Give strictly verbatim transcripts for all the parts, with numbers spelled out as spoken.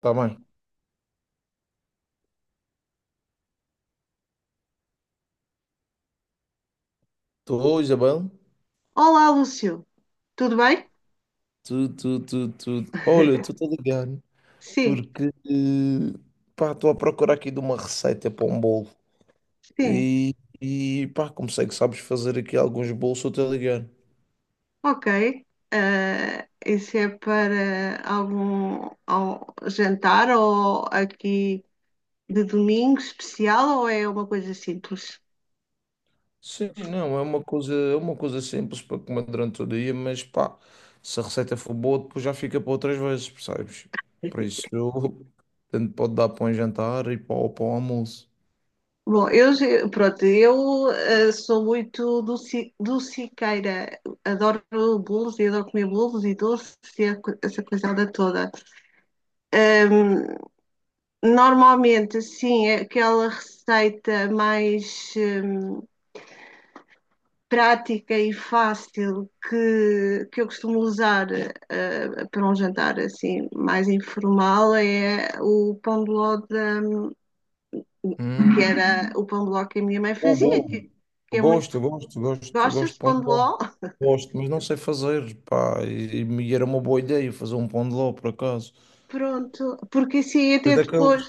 Tá bem. Estou, Isabel. Olá, Lúcio. Tudo bem? Tu, tu, tu, tu. Olha, tu a ligado? Sim, porque eh, pá, estou a procurar aqui de uma receita para um bolo. sim. E, e pá, como sei que sabes fazer aqui alguns bolos, estou-te a ligar. Ok. Ah, isso é para algum, al- jantar ou aqui de domingo especial ou é uma coisa simples? Sim, não, é uma coisa, é uma coisa simples para comer durante o dia, mas pá, se a receita for boa, depois já fica para outras vezes, percebes? Por isso, eu- tanto pode dar para um jantar e para, para o almoço. Bom, eu, ge- pronto, eu ah, sou muito doci, dociqueira. Adoro bolos e adoro comer bolos e doces e a co- essa coisada toda. Normalmente, sim, é aquela receita mais prática e fácil que, que eu costumo usar, eh, para um jantar assim mais informal é o pão de ló da- que Hum, era o pão de ló que a minha mãe boa, fazia, boa. que, que é muito Gosto, gosto, gosto, gosto gostas de de pão pão de de ló. ló? Gosto, mas não sei fazer, pá. E, e era uma boa ideia fazer um pão de ló, por acaso. Pronto, porque assim Mas até daqueles, depois,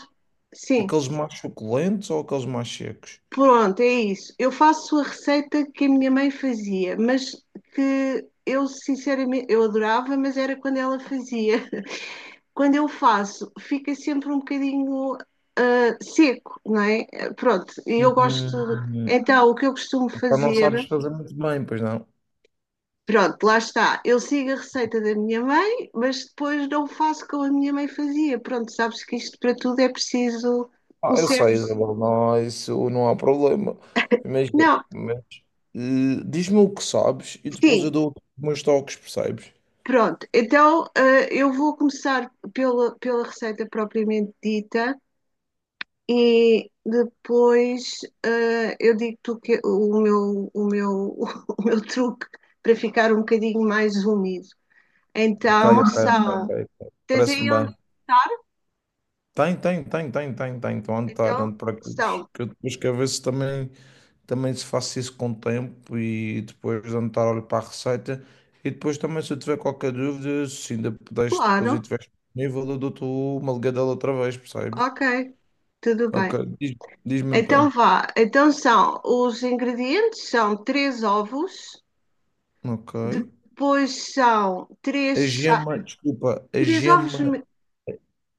sim, aqueles mais suculentos ou aqueles mais secos? pronto, é isso. Eu faço a receita que a minha mãe fazia, mas que eu sinceramente eu adorava, mas era quando ela fazia quando eu faço, fica sempre um bocadinho seco, não é? Pronto, e eu gosto. Hum, Então, o que eu costumo pá, não fazer, sabes fazer muito bem, pois não? pronto, lá está. Eu sigo a receita da minha mãe, mas depois não faço como a minha mãe fazia. Pronto, sabes que isto para tudo é preciso Ah, um eu sei, certo. Isabel, não, isso não há problema. Imagina, Não, mas, eh, diz-me o que sabes e depois eu sim, dou os meus toques, percebes? pronto. Então, eh, eu vou começar pela, pela receita propriamente dita e depois, eh, eu digo-te o, que- o meu, o, meu, o meu truque para ficar um bocadinho mais úmido. Ok, Então ok, ok, são. ok. ok. Tens Parece-me aí onde? bem. Tem, tem, tem, tem, tem, tem. Estão a notar, não Então te preocupes. são. Que eu depois quero ver se também, também se faço isso com o tempo e depois de anotar, olho para a receita. E depois também, se eu tiver qualquer dúvida, se ainda puderes depois e Claro. tiveres disponível, eu dou-te uma ligadela outra vez, percebes? Ok. Tudo Ok, bem. diz, diz-me então. Então vá. Então são. Os ingredientes são três ovos. Ok. Depois são três. A cha- gema, desculpa, a Três ovos. gema me-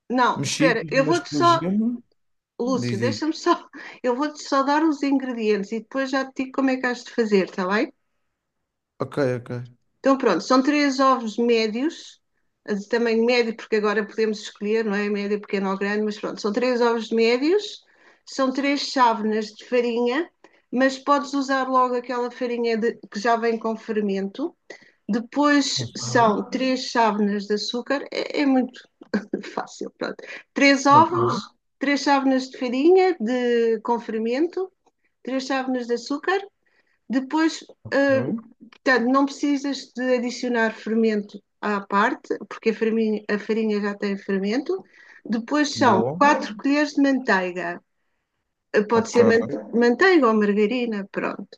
Não, mexida, espera. Eu mas vou-te com a só. gema. Lúcio, Diz, diz. deixa-me só. Eu vou-te só dar os ingredientes e depois já te digo como é que has de fazer, está bem? Ok, ok. Então, pronto, são três ovos médios, de tamanho médio, porque agora podemos escolher, não é? Médio, pequeno ou grande, mas pronto, são três ovos médios, são três chávenas de farinha, mas podes usar logo aquela farinha de- que já vem com fermento. Depois Não sei. são três chávenas de açúcar, é, é muito fácil, pronto. Três ovos, Ok, três chávenas de farinha de, com fermento, três chávenas de açúcar. Depois, ah, ok. Portanto, não precisas de adicionar fermento à parte, porque a farinha, a farinha já tem fermento. Depois são Boa. quatro colheres de manteiga. Pode Ok. ser manteiga ou margarina, pronto.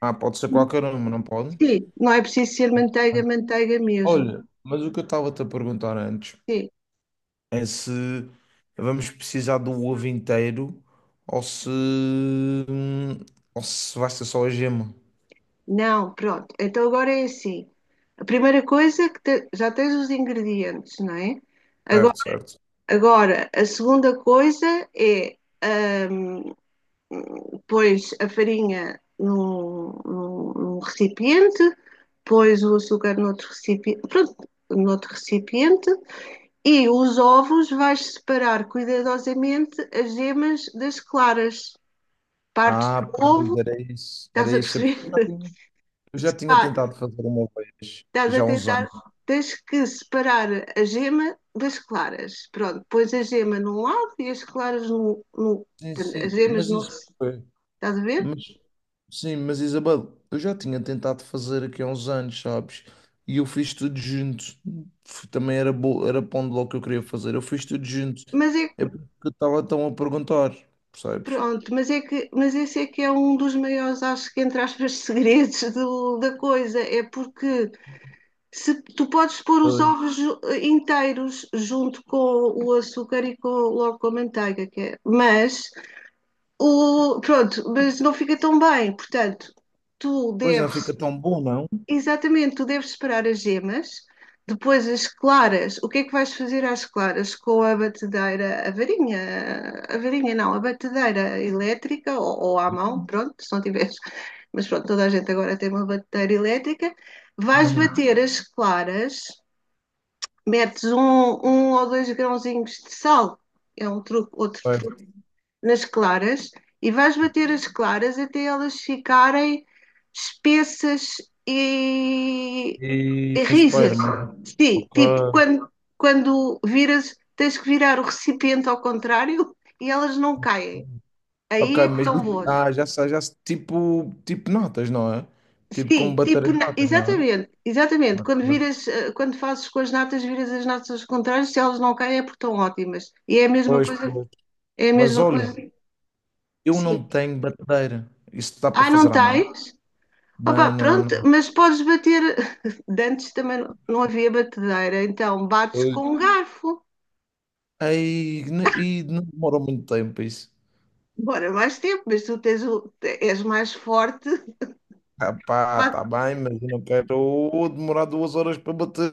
Ah, pode ser qualquer uma, não pode? Sim, não é preciso ser manteiga, manteiga mesmo. Olha, mas o que eu estava-te a perguntar antes Sim, é se vamos precisar do ovo inteiro ou se, ou se vai ser só a gema. não, pronto. Então agora é assim. A primeira coisa é que te- já tens os ingredientes, não é? Certo, Agora, certo. agora, a segunda coisa é hum, pôs a farinha num, num- num recipiente, pôs o açúcar noutro recipiente, pronto, noutro recipiente, e os ovos vais separar cuidadosamente as gemas das claras. Partes Ah, do pois ovo, era isso. Era estás a isso. É porque Eu já perceber? tinha, eu já tinha tentado fazer uma vez, Estás já a há uns tentar, anos. tens que separar a gema das claras. Pronto, pões a gema num lado e as claras no, no- Sim, as sim, gemas mas no isso. recipiente. Estás a ver? Mas, sim, mas Isabel, eu já tinha tentado fazer aqui há uns anos, sabes? E eu fiz tudo junto. F- Também era, bo... era pão de ló que eu queria fazer. Eu fiz tudo junto. Mas é É porque eu estava tão a perguntar, percebes? Pronto, mas é que, mas esse é que é um dos maiores, acho que, entre aspas, segredos do- da coisa. É porque se tu podes pôr os Pois. ovos ju- inteiros junto com o açúcar e com, logo com a manteiga, que é, mas o, pronto, mas não fica tão bem. Portanto, tu Pois não deves fica tão bom, não? Exatamente, tu deves esperar as gemas, depois as claras. O que é que vais fazer às claras? Com a batedeira, a varinha, a varinha não, a batedeira elétrica ou, ou à mão, pronto, se não tiveres, mas pronto, toda a gente agora tem uma batedeira elétrica. Vais Uhum. bater as claras, metes um, um ou dois grãozinhos de sal, é um truque, outro Certo. truque, nas claras, e vais bater as claras até elas ficarem espessas e E... Mas rijas. espera, mas... Sim, Ok. tipo, quando, quando, viras, tens que virar o recipiente ao contrário e elas não caem. Ok, Aí é que mas estão boas. ah, já sei, já sei. Tipo, tipo notas, não é? Tipo Sim, como bater tipo, as na- notas, não é? exatamente, exatamente. Quando Ok. viras, eh, quando fazes com as natas, viras as natas contrárias, se elas não caem é porque estão ótimas. E é a mesma Pois, coisa, pois. é a Mas mesma olha. coisa. Eu Sim. não tenho batedeira. Isso dá para Ah, não fazer à mão? tens? Opa, Não, não, pronto, não. mas podes bater. De antes também não não havia batedeira, então bates Pois, com um garfo. Ei, n- e não demorou muito tempo isso. Demora mais tempo, mas tu tens o, és mais forte. Ah, pá, Pá, tá bem, mas eu não quero demorar duas horas para bater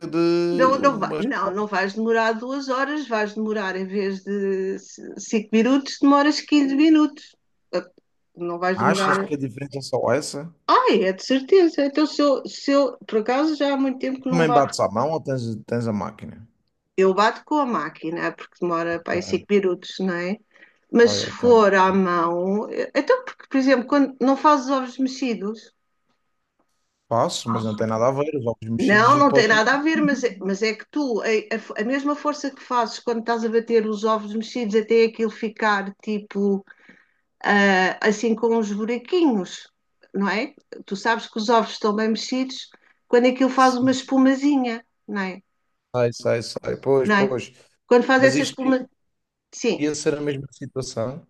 não, eh, não, vai- umas. não, não vais demorar duas horas, vais demorar em vez de c- cinco minutos, demoras quinze minutos. Ah, não vais Achas demorar. que a diferença é só essa? Ah, é de certeza. Então, se eu, se eu, por acaso, já há muito tempo que não Também bato. bates à mão ou tens, tens a máquina? Eu bato com a máquina, porque demora para aí cinco Ok, minutos, não é? Mas ok. se ok. for à mão, eh, então, porque, por exemplo, quando não fazes ovos mexidos. Passo, mas não tem nada a ver. Os ovos mexidos Não, não tem podem. nada a ver, mas é, mas é que tu, a, a- a mesma força que fazes quando estás a bater os ovos mexidos até aquilo ficar tipo, ah, assim com uns buraquinhos, não é? Tu sabes que os ovos estão bem mexidos quando aquilo faz uma espumazinha, não é? Sai, sai, sai. Pois, Não é? pois. Quando faz Mas essa isto espuma. Sim, ia ser a mesma situação?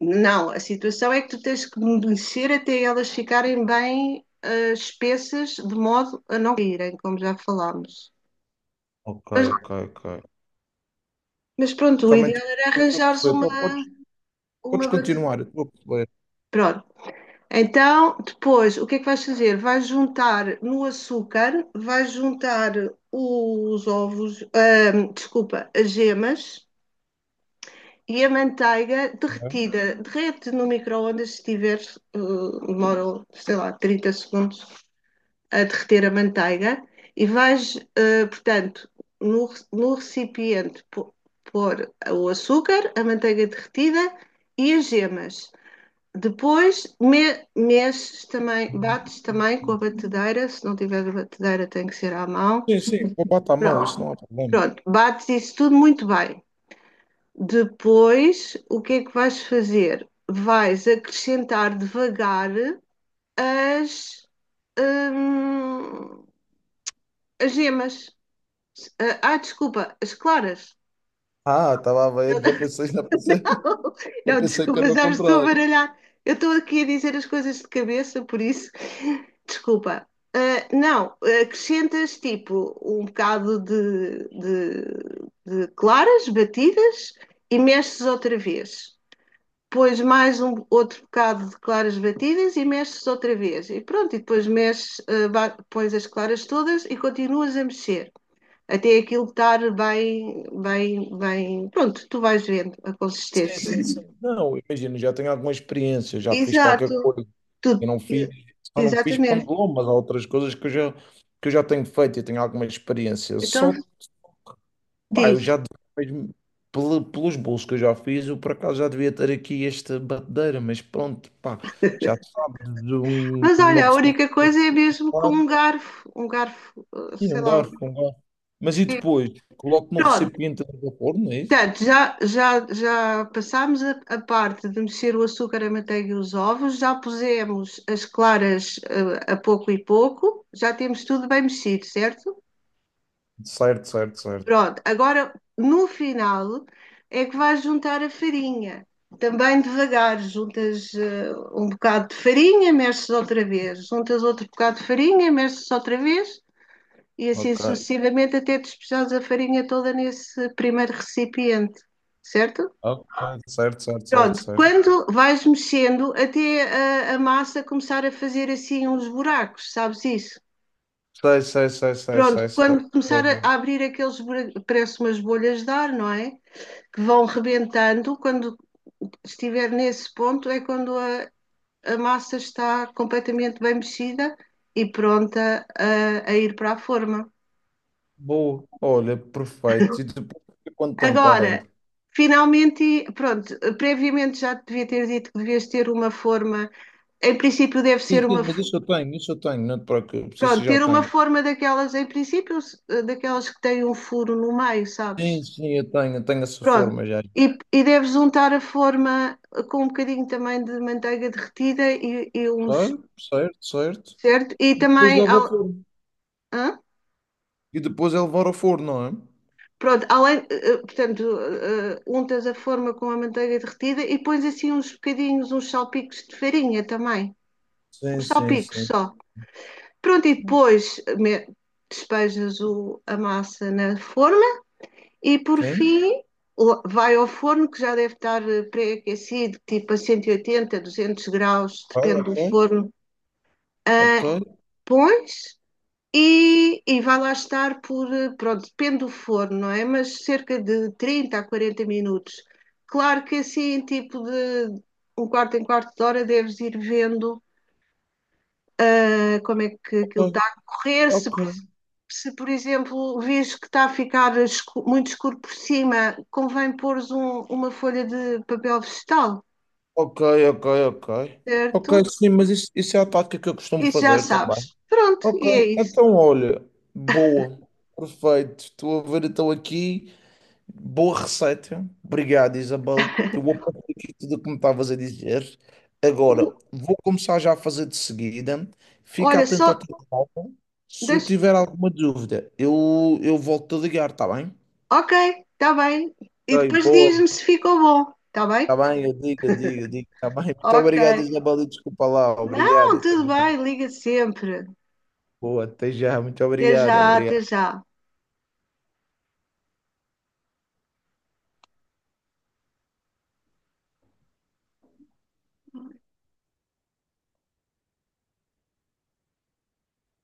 não, a situação é que tu tens que mexer até elas ficarem bem, ah, espessas, de modo a não caírem, como já falámos. Ok, Mas, ok, ok. mas pronto, o Também estou ideal era estou a arranjares perceber. Po- uma. Podes, podes Uma batata. continuar, eu estou a perceber. Pronto. Então, depois, o que é que vais fazer? Vais juntar no açúcar, vais juntar os ovos, ahm, desculpa, as gemas e a manteiga Não é? derretida. Derrete no micro-ondas se tiveres, eh, demora, sei lá, trinta segundos a derreter a manteiga. E vais, eh, portanto, no, re- no recipiente, pô- pôr o açúcar, a manteiga derretida e as gemas. Depois me- mexes também, bates também com a batedeira, se não tiver a batedeira tem que ser à mão. Sim, sim, vou botar a mão, isso Pronto, não há problema. pronto, bates isso tudo muito bem. Depois, o que é que vais fazer? Vais acrescentar devagar as, hum, as gemas. Ah, ah, desculpa, as claras. Ah, estava a ver, já pensei, já pensei, já Não, pensei que desculpa, era o já me estou a contrário. baralhar. Eu estou aqui a dizer as coisas de cabeça, por isso, desculpa. Ah, não, acrescentas tipo um bocado de, de- de claras batidas e mexes outra vez. Pões mais um outro bocado de claras batidas e mexes outra vez. E pronto, e depois mexes, ah, ba- pões as claras todas e continuas a mexer. Até aquilo estar bem, bem, bem. Pronto, tu vais vendo a Sim, consistência. sim, sim. Não, imagina, já tenho alguma experiência, já fiz qualquer Exato. coisa. Eu tudo não e- fiz, só não fiz pão de Exatamente. ló, mas há outras coisas que eu já, que eu já tenho feito e tenho alguma experiência. Então Só Pá, eu diz. já, mesmo pel- pelos bolos que eu já fiz, eu por acaso já devia ter aqui esta batedeira, mas pronto, pá, já se sabe de um- Mas uma olha, a pessoa única que tem coisa é mesmo com celular. um garfo. Um garfo, eh, E sei um lá. garfo, um garfo. Mas e Sim. depois? Coloco no Pronto. recipiente de vapor, não é isso? Portanto, já, já, já passámos a, a parte de mexer o açúcar, a manteiga e os ovos, já pusemos as claras, eh, a pouco e pouco, já temos tudo bem mexido, certo? Certo, certo, certo. Pronto, agora no final é que vais juntar a farinha. Também devagar, juntas, eh, um bocado de farinha, mexes outra vez, juntas outro bocado de farinha, mexes outra vez e assim Ok. sucessivamente até despejares a farinha toda nesse primeiro recipiente, certo? Ok, certo, certo, certo, Pronto, certo. quando vais mexendo até a, a massa começar a fazer assim uns buracos, sabes isso? Sei, sei, sei, sei, sei, Pronto, sei. quando começar Olha, a abrir aqueles buracos, parece umas bolhas de ar, não é? Que vão rebentando. Quando estiver nesse ponto, é quando a, a massa está completamente bem mexida e pronta a, a ir para a forma. Boa. Olha, perfeito. E depois fica quanto tempo lá Agora, dentro? finalmente, pronto, previamente já te devia ter dito que devias ter uma forma, em princípio, deve Sim, ser uma. sim, mas isso eu tenho, isso eu tenho, não te preocupes, isso Pronto, eu já ter uma tenho. forma daquelas, em princípio, daquelas que têm um furo no meio, sabes? Sim, sim, eu tenho, tenho essa Pronto, forma já. e, e deves untar a forma com um bocadinho também de manteiga derretida e, e Ah, uns certo, certo. certo? E Depois também, leva ao al- forno. hã? E depois é levar ao forno, não é? Pronto, além, eh, eh, portanto, eh, eh, untas a forma com a manteiga derretida e pões assim uns bocadinhos, uns salpicos de farinha também, Sim, uns sim, salpicos sim. só. Pronto, e depois, eh, me- despejas o, a massa na forma e por Sim. fim o- vai ao forno que já deve estar, eh, pré-aquecido, tipo a cento e oitenta, duzentos graus, depende do Ok, forno. ok. Ah, pões E, e vai lá estar por, eh, pronto, depende do forno, não é? Mas cerca de trinta a quarenta minutos. Claro que assim, tipo de um quarto em quarto de hora, deves ir vendo, ah, como é que Ok, aquilo ok, está a correr. Se, ok. se, por exemplo, vês que está a ficar escu- muito escuro por cima, convém pôres um- uma folha de papel vegetal, Ok, ok, ok. Ok, certo? sim, mas isso, isso é a tática que eu costumo Isso já fazer também. sabes. Pronto, e é Ok, isso. então olha, boa, perfeito. Estou a ver, estou aqui. Boa receita. Obrigado, Isabel. Eu vou apontar aqui tudo o que me estavas a dizer. Agora, O- vou começar já a fazer de seguida. Fica Olha, atento só ao telefone. Se eu deixa, tiver alguma dúvida, eu, eu volto a ligar, está bem? ok, está bem. E Ok, depois diz-me boa. se ficou bom, está bem? Está bem, eu digo, eu digo, eu digo. Está bem. Muito Ok. obrigado, Isabel. E desculpa lá. Obrigado. Não, Até tudo já. bem, liga sempre. Boa, até já. Muito Até obrigado. já, até Obrigado. já.